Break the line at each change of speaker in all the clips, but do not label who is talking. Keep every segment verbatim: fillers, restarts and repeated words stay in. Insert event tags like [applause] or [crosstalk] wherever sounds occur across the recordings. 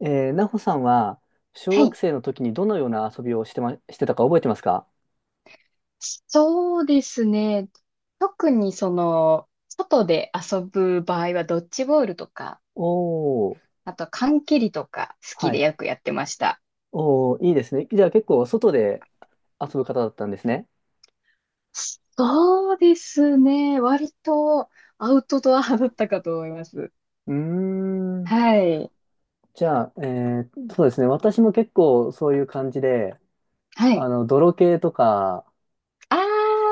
えー、なほさんは、小
は
学
い。
生の時にどのような遊びをしてま、してたか覚えてますか？
そうですね。特にその、外で遊ぶ場合はドッジボールとか、
おー、
あと缶蹴りとか好き
は
で
い。
よくやってました。
おー、いいですね。じゃあ結構外で遊ぶ方だったんですね。
そうですね。割とアウトドア派だったかと思います。
うーん。
はい。
じゃあ、えー、そうですね。私も結構そういう感じで、
は
あ
い。
の、泥系とか、
ああ、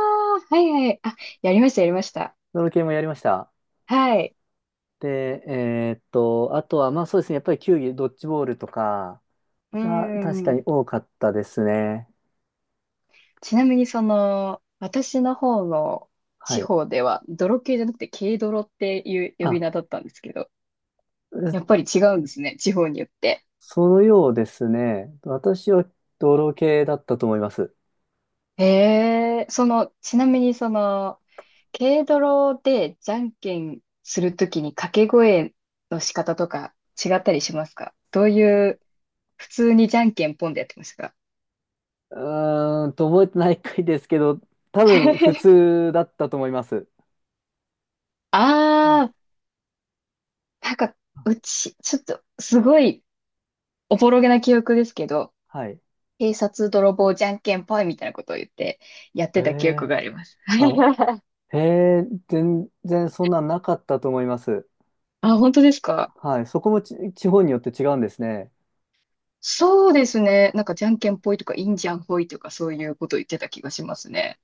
はいはい。あ、やりました、やりました。
泥系もやりました。
はい。
で、えーっと、あとは、まあそうですね。やっぱり球技、ドッジボールとか
う
が確かに
ん。
多かったですね。
ちなみにその、私の方の
は
地
い。
方では、泥系じゃなくて軽泥っていう呼び名
あ、
だったんですけど、やっぱり違うんですね、地方によって。
そのようですね。私は泥系だったと思います。
へえ、その、ちなみにその、軽泥でじゃんけんするときに掛け声の仕方とか違ったりしますか？どういう、普通にじゃんけんポンでやってましたか？
うーんと、覚えてない回ですけど、多分普
[laughs]
通だったと思います。うんうん、
あー、なんか、うち、ちょっと、すごい、おぼろげな記憶ですけど、
はい。
警察泥棒じゃんけんぽいみたいなことを言って、やっ
へ
てた記憶
え、
があります。
あ、
[laughs]
へえ、全然そんなんなかったと思います。
あ、本当ですか？
はい。そこもち地方によって違うんですね。
そうですね。なんか、じゃんけんぽいとか、いいんじゃんぽいとか、そういうこと言ってた気がしますね。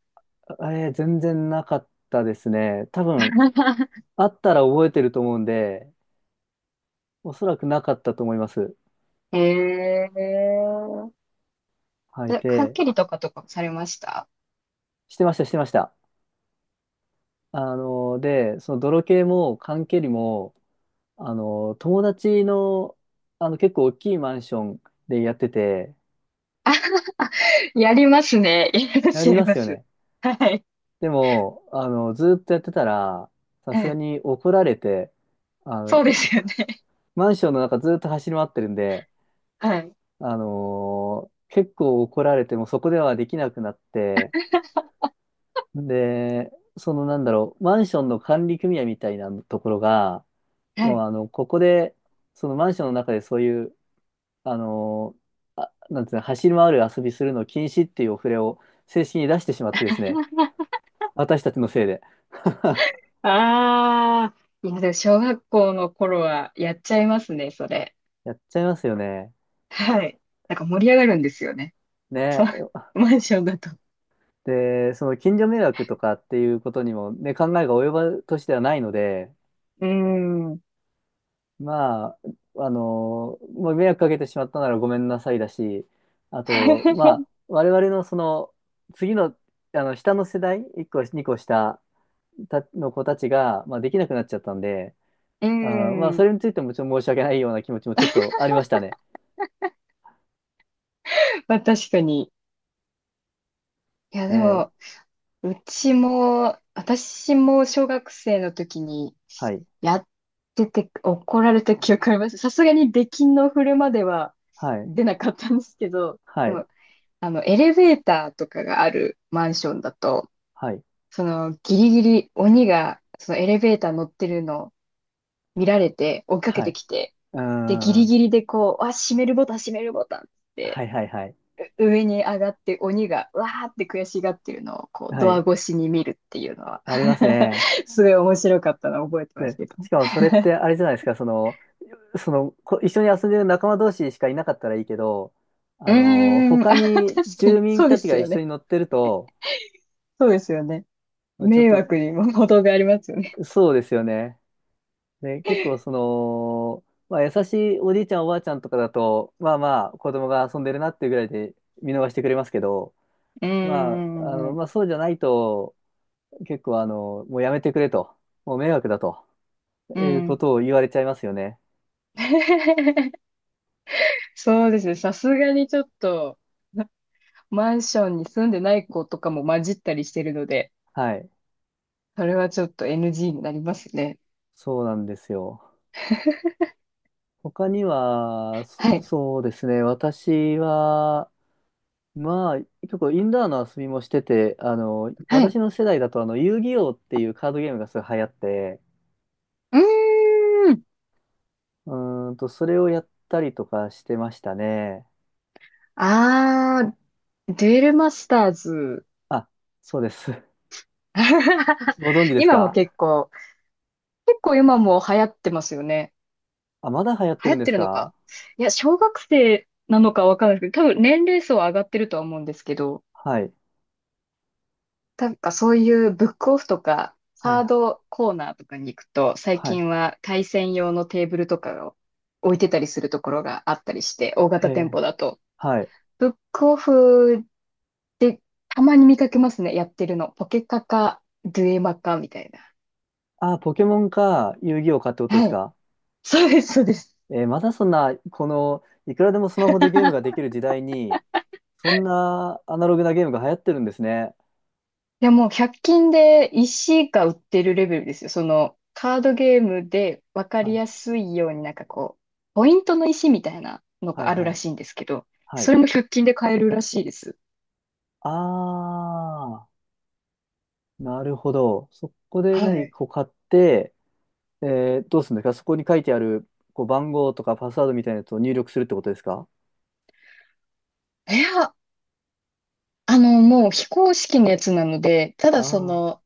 えー、全然なかったですね。多分、
[laughs]
あったら覚えてると思うんで、おそらくなかったと思います。
へえ。
はい。
えかっ
で、
きりとかとかされました？
してました、してました。あの、で、その泥系も缶蹴りも、あの、友達の、あの、結構大きいマンションでやってて、
やりますね。やりま
や
す、や
り
り
ま
ま
すよ
す。
ね。
はい。
でも、あの、ずっとやってたら、さ
は
すが
い。
に怒られて、あの、
そうですよね。
マンションの中ずっと走り回ってるんで、
はい。
あの結構怒られてもうそこではできなくなって、で、そのなんだろう、マンションの管理組合みたいなところが、
は
もう
い。
あの、ここで、そのマンションの中でそういうあのあ、なんていうの、走り回る遊びするの禁止っていうお触れを正式に出してしまってですね、私たちのせいで。[laughs]
ああ。いや、でも小学校の頃はやっちゃいますね、それ。
やっちゃいますよね。
はい。なんか盛り上がるんですよね。そう。
ね。
マンションだと。
で、その近所迷惑とかっていうことにもね、考えが及ぶ年ではないので、
うーん。う
まあ、あの、まあ、迷惑かけてしまったならごめんなさいだし、あと、まあ、我々のその、次の、あの、下の世代、いっこ、にこ下たの子たちが、まあ、できなくなっちゃったんで、
ー
あー、まあ、そ
ん。
れについてもちょっと申し訳ないような気持ちもちょっとありましたね。
まあ確かに。いや、
え
で
え、
も、うちも、私も小学生の時に
はい、
やってて怒られた記憶あります。さすがに出禁の振るまでは
はい、
出なかったんですけど、
は
で
い、
も、あの、エレベーターとかがあるマンションだと、
はい、
そのギリギリ鬼がそのエレベーター乗ってるのを見られて追いかけ
は
て
い。
きて、
うー
で、ギ
ん、
リ
は
ギリでこう、あ、閉めるボタン、閉めるボタンっ
い、は
て
い、はい、
上に上がって鬼がわーって悔しがってるのをこう
は
ドア
い。
越しに見るっていうのは
あります
[laughs]
ね。
すごい面白かったのを覚えてます
で、
けど
し
ね。
かもそれってあれじゃないですか、その、その、こ一緒に遊んでる仲間同士しかいなかったらいいけど、
う
あの、
ーん、[laughs]
他
あ、確
に
か
住
に。
民
そうで
たち
す
が一
よ
緒
ね。
に乗ってると、
そうですよね。
ちょっ
迷惑
と、
にも程がありますよね。
そうですよね。で、結構その、まあ、優しいおじいちゃんおばあちゃんとかだと、まあまあ子供が遊んでるなっていうぐらいで見逃してくれますけど、
うー
まあ、あ
ん、う
の、
ん、
まあそうじゃないと、結構あの、もうやめてくれと、もう迷惑だと
う
いうこ
ん。
とを言われちゃいますよね。
[laughs] そうですね。さすがにちょっと、マンションに住んでない子とかも混じったりしてるので、
はい。
それはちょっと エヌジー になりますね。
そうなんですよ。他には、そ、
はい。
そうですね。私は、まあ、結構インドアの遊びもしてて、あの、
は
私
い。
の世代だと、あの、遊戯王っていうカードゲームがすごい流行って、
うーん。
うーんと、それをやったりとかしてましたね。
ああ、デュエルマスターズ。
あ、そうです。[laughs]
[laughs]
ご存知です
今も
か？
結構、結構今も流行ってますよね。
あ、まだ流行って
流
るん
行っ
で
て
す
るのか。
か？
いや、小学生なのかわかんないですけど、多分年齢層は上がってるとは思うんですけど、
はい。
なんかそういうブックオフとか、
は
ハ
い。
ードコーナーとかに行くと、最
はい。
近は対戦用のテーブルとかを置いてたりするところがあったりして、大
え
型店
ー、
舗だと。
はい。
ブックオフでたまに見かけますね、やってるの。ポケカか、デュエマかみたいな。
あ、ポケモンか、遊戯王かってことで
は
す
い。
か？
そうです、そうです。
えー、まだそんな、この、いくらでもスマホでゲームがで
[laughs]
きる時代に、そんなアナログなゲームが流行ってるんですね。
いや、もうひゃっ均で石が売ってるレベルですよ。その、カードゲームで分か
は
り
い。
やすいようになんかこう、ポイントの石みたいなの
は
が
い。
ある
は
ら
い。
しいんですけど、
は
そ
い。
れもひゃっ均で買えるらしいです。
あー、なるほど。そこで
は
何
い。
こう買って、えー、どうするんですか？そこに書いてある、こう、番号とかパスワードみたいなやつを入力するってことですか？
いや、あの、もう非公式のやつなので、ただそ
あ
の、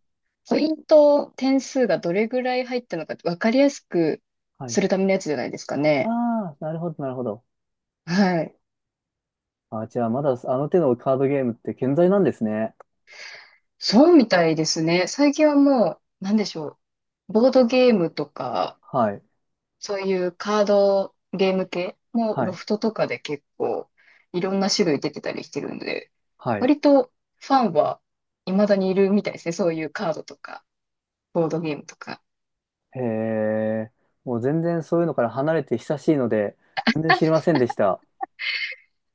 ポイント、点数がどれぐらい入ったのかって分かりやすく
あー、は
す
い。
るためのやつじゃないですか
あ
ね。
あ、なるほど、なるほど。
はい。
あ、じゃあ、まだあの手のカードゲームって健在なんですね。
そうみたいですね。最近はもう、なんでしょう。ボードゲームとか、
はい、
そういうカードゲーム系も
は
ロ
い、
フトとかで結構いろんな種類出てたりしてるんで、
はい。
割とファンは未だにいるみたいですね。そういうカードとか、ボードゲームとか。
へえ、もう全然そういうのから離れて久しいので、全然知りませんでした。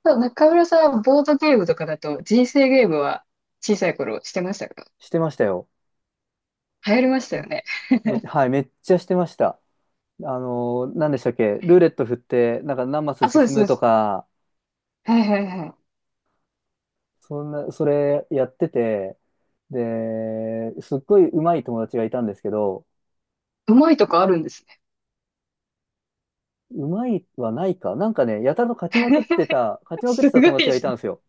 ただ中村さんはボードゲームとかだと人生ゲームは小さい頃してましたか？
してましたよ。
流行りましたよね。
めはい、めっちゃしてました。あのー、何でしたっけ？ルーレット振って、なんか何マス
あ、そうです、
進
そう
む
で
と
す。
か、
はいはいはい。
そんな、それやってて、で、すっごい上手い友達がいたんですけど、
うまいとかあるんですね。
上手いはないか。なんかね、やたらと勝ちまくってた、勝
[laughs]
ちまくっ
す
てた
ご
友
い
達
で
がい
す
た
ね。
んですよ。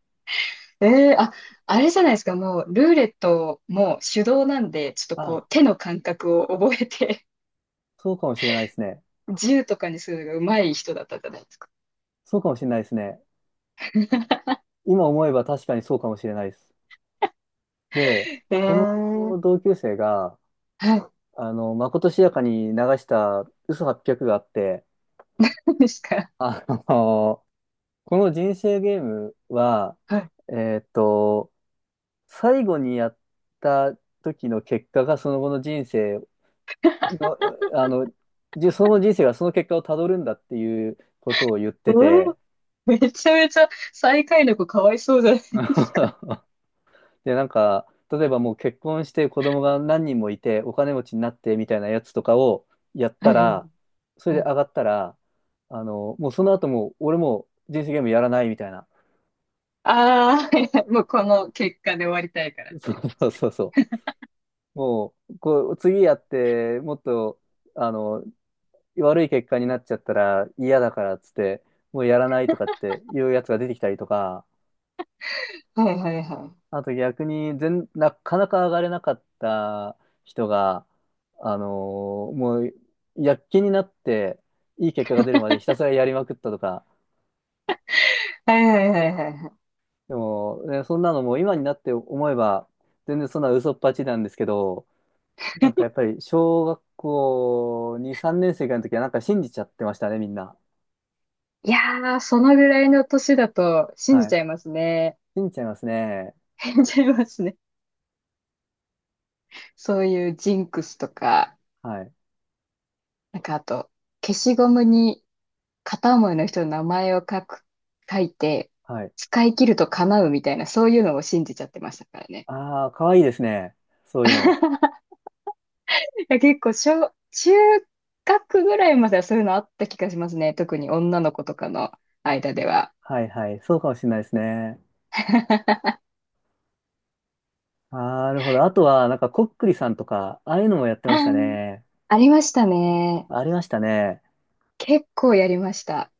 ええあ、あれじゃないですか、もうルーレットも手動なんで、ちょっとこ
あ、
う手の感覚を覚えて、
そうかもしれないですね。
銃とかにするのが上手い人だったじゃないですか。
そうかもしれないですね。今思えば確かにそうかもしれないです。で、そ
ええ
の同級生が、
はい、
あの、まことしやかに流した嘘はち まるがあって、
そうですか。
あの、この人生ゲームは、
はい。
えーっと、最後にやった時の結果がその後の人生の、あの、じその後の人生がその結果をたどるんだっていうことを言っ
え
て
え
て、
めちゃめちゃ最下位の子かわいそうじゃないですか。
[laughs] で、なんか、例えばもう結婚して子供が何人もいてお金持ちになってみたいなやつとかをやった
はい。
ら、それ
は
で
い。
上がったら、あの、もうその後もう俺もう人生ゲームやらないみたいな。
ああ、はいはいもうこの結果で終わりたいからって。
[laughs] そうそうそうそう。もう、こう、次やって、もっと、あの、悪い結果になっちゃったら嫌だからっつって、もうやらないとかっていうやつが出てきたりとか、
はいはいは
あと逆に全、なかなか上がれなかった人が、あのーもう、躍起になって、いい結果が出るまでひたすらやりまくったとか、
い。はいはいはいはいは
でも、ね、そんなのもう今になって思えば、全然そんな嘘っぱちなんですけど、なんかやっぱり小学校に、さんねん生ぐらいの時はなんか信じちゃってましたね、みんな。
い。いやー、そのぐらいの年だと信じ
は
ち
い。
ゃいますね。
信じちゃいますね。
[laughs] 信じちゃいますね。そういうジンクスとか。
はい。
なんかあと、消しゴムに片思いの人の名前を書く、書いて、
はい。
使い切ると叶うみたいな、そういうのを信じちゃってましたからね。
ああ、かわいいですね。そういうの。
[laughs] いや、結構小、中学ぐらいまではそういうのあった気がしますね。特に女の子とかの間では。
はいはい。そうかもしれないですね。
[laughs]
なるほど。あとは、なんか、こっくりさんとか、ああいうのもやってましたね。
ありましたね。
ありましたね。
結構やりました。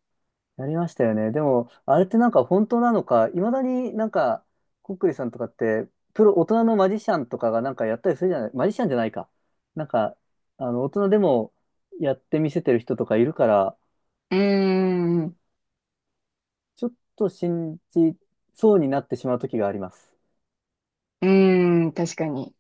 やりましたよね。でも、あれってなんか本当なのか、いまだになんか、こっくりさんとかって、プロ、大人のマジシャンとかがなんかやったりするじゃない、マジシャンじゃないか。なんか、あの、大人でもやってみせてる人とかいるから、
うーん、う
ちょっと信じそうになってしまう時があります。
ーん、確かに。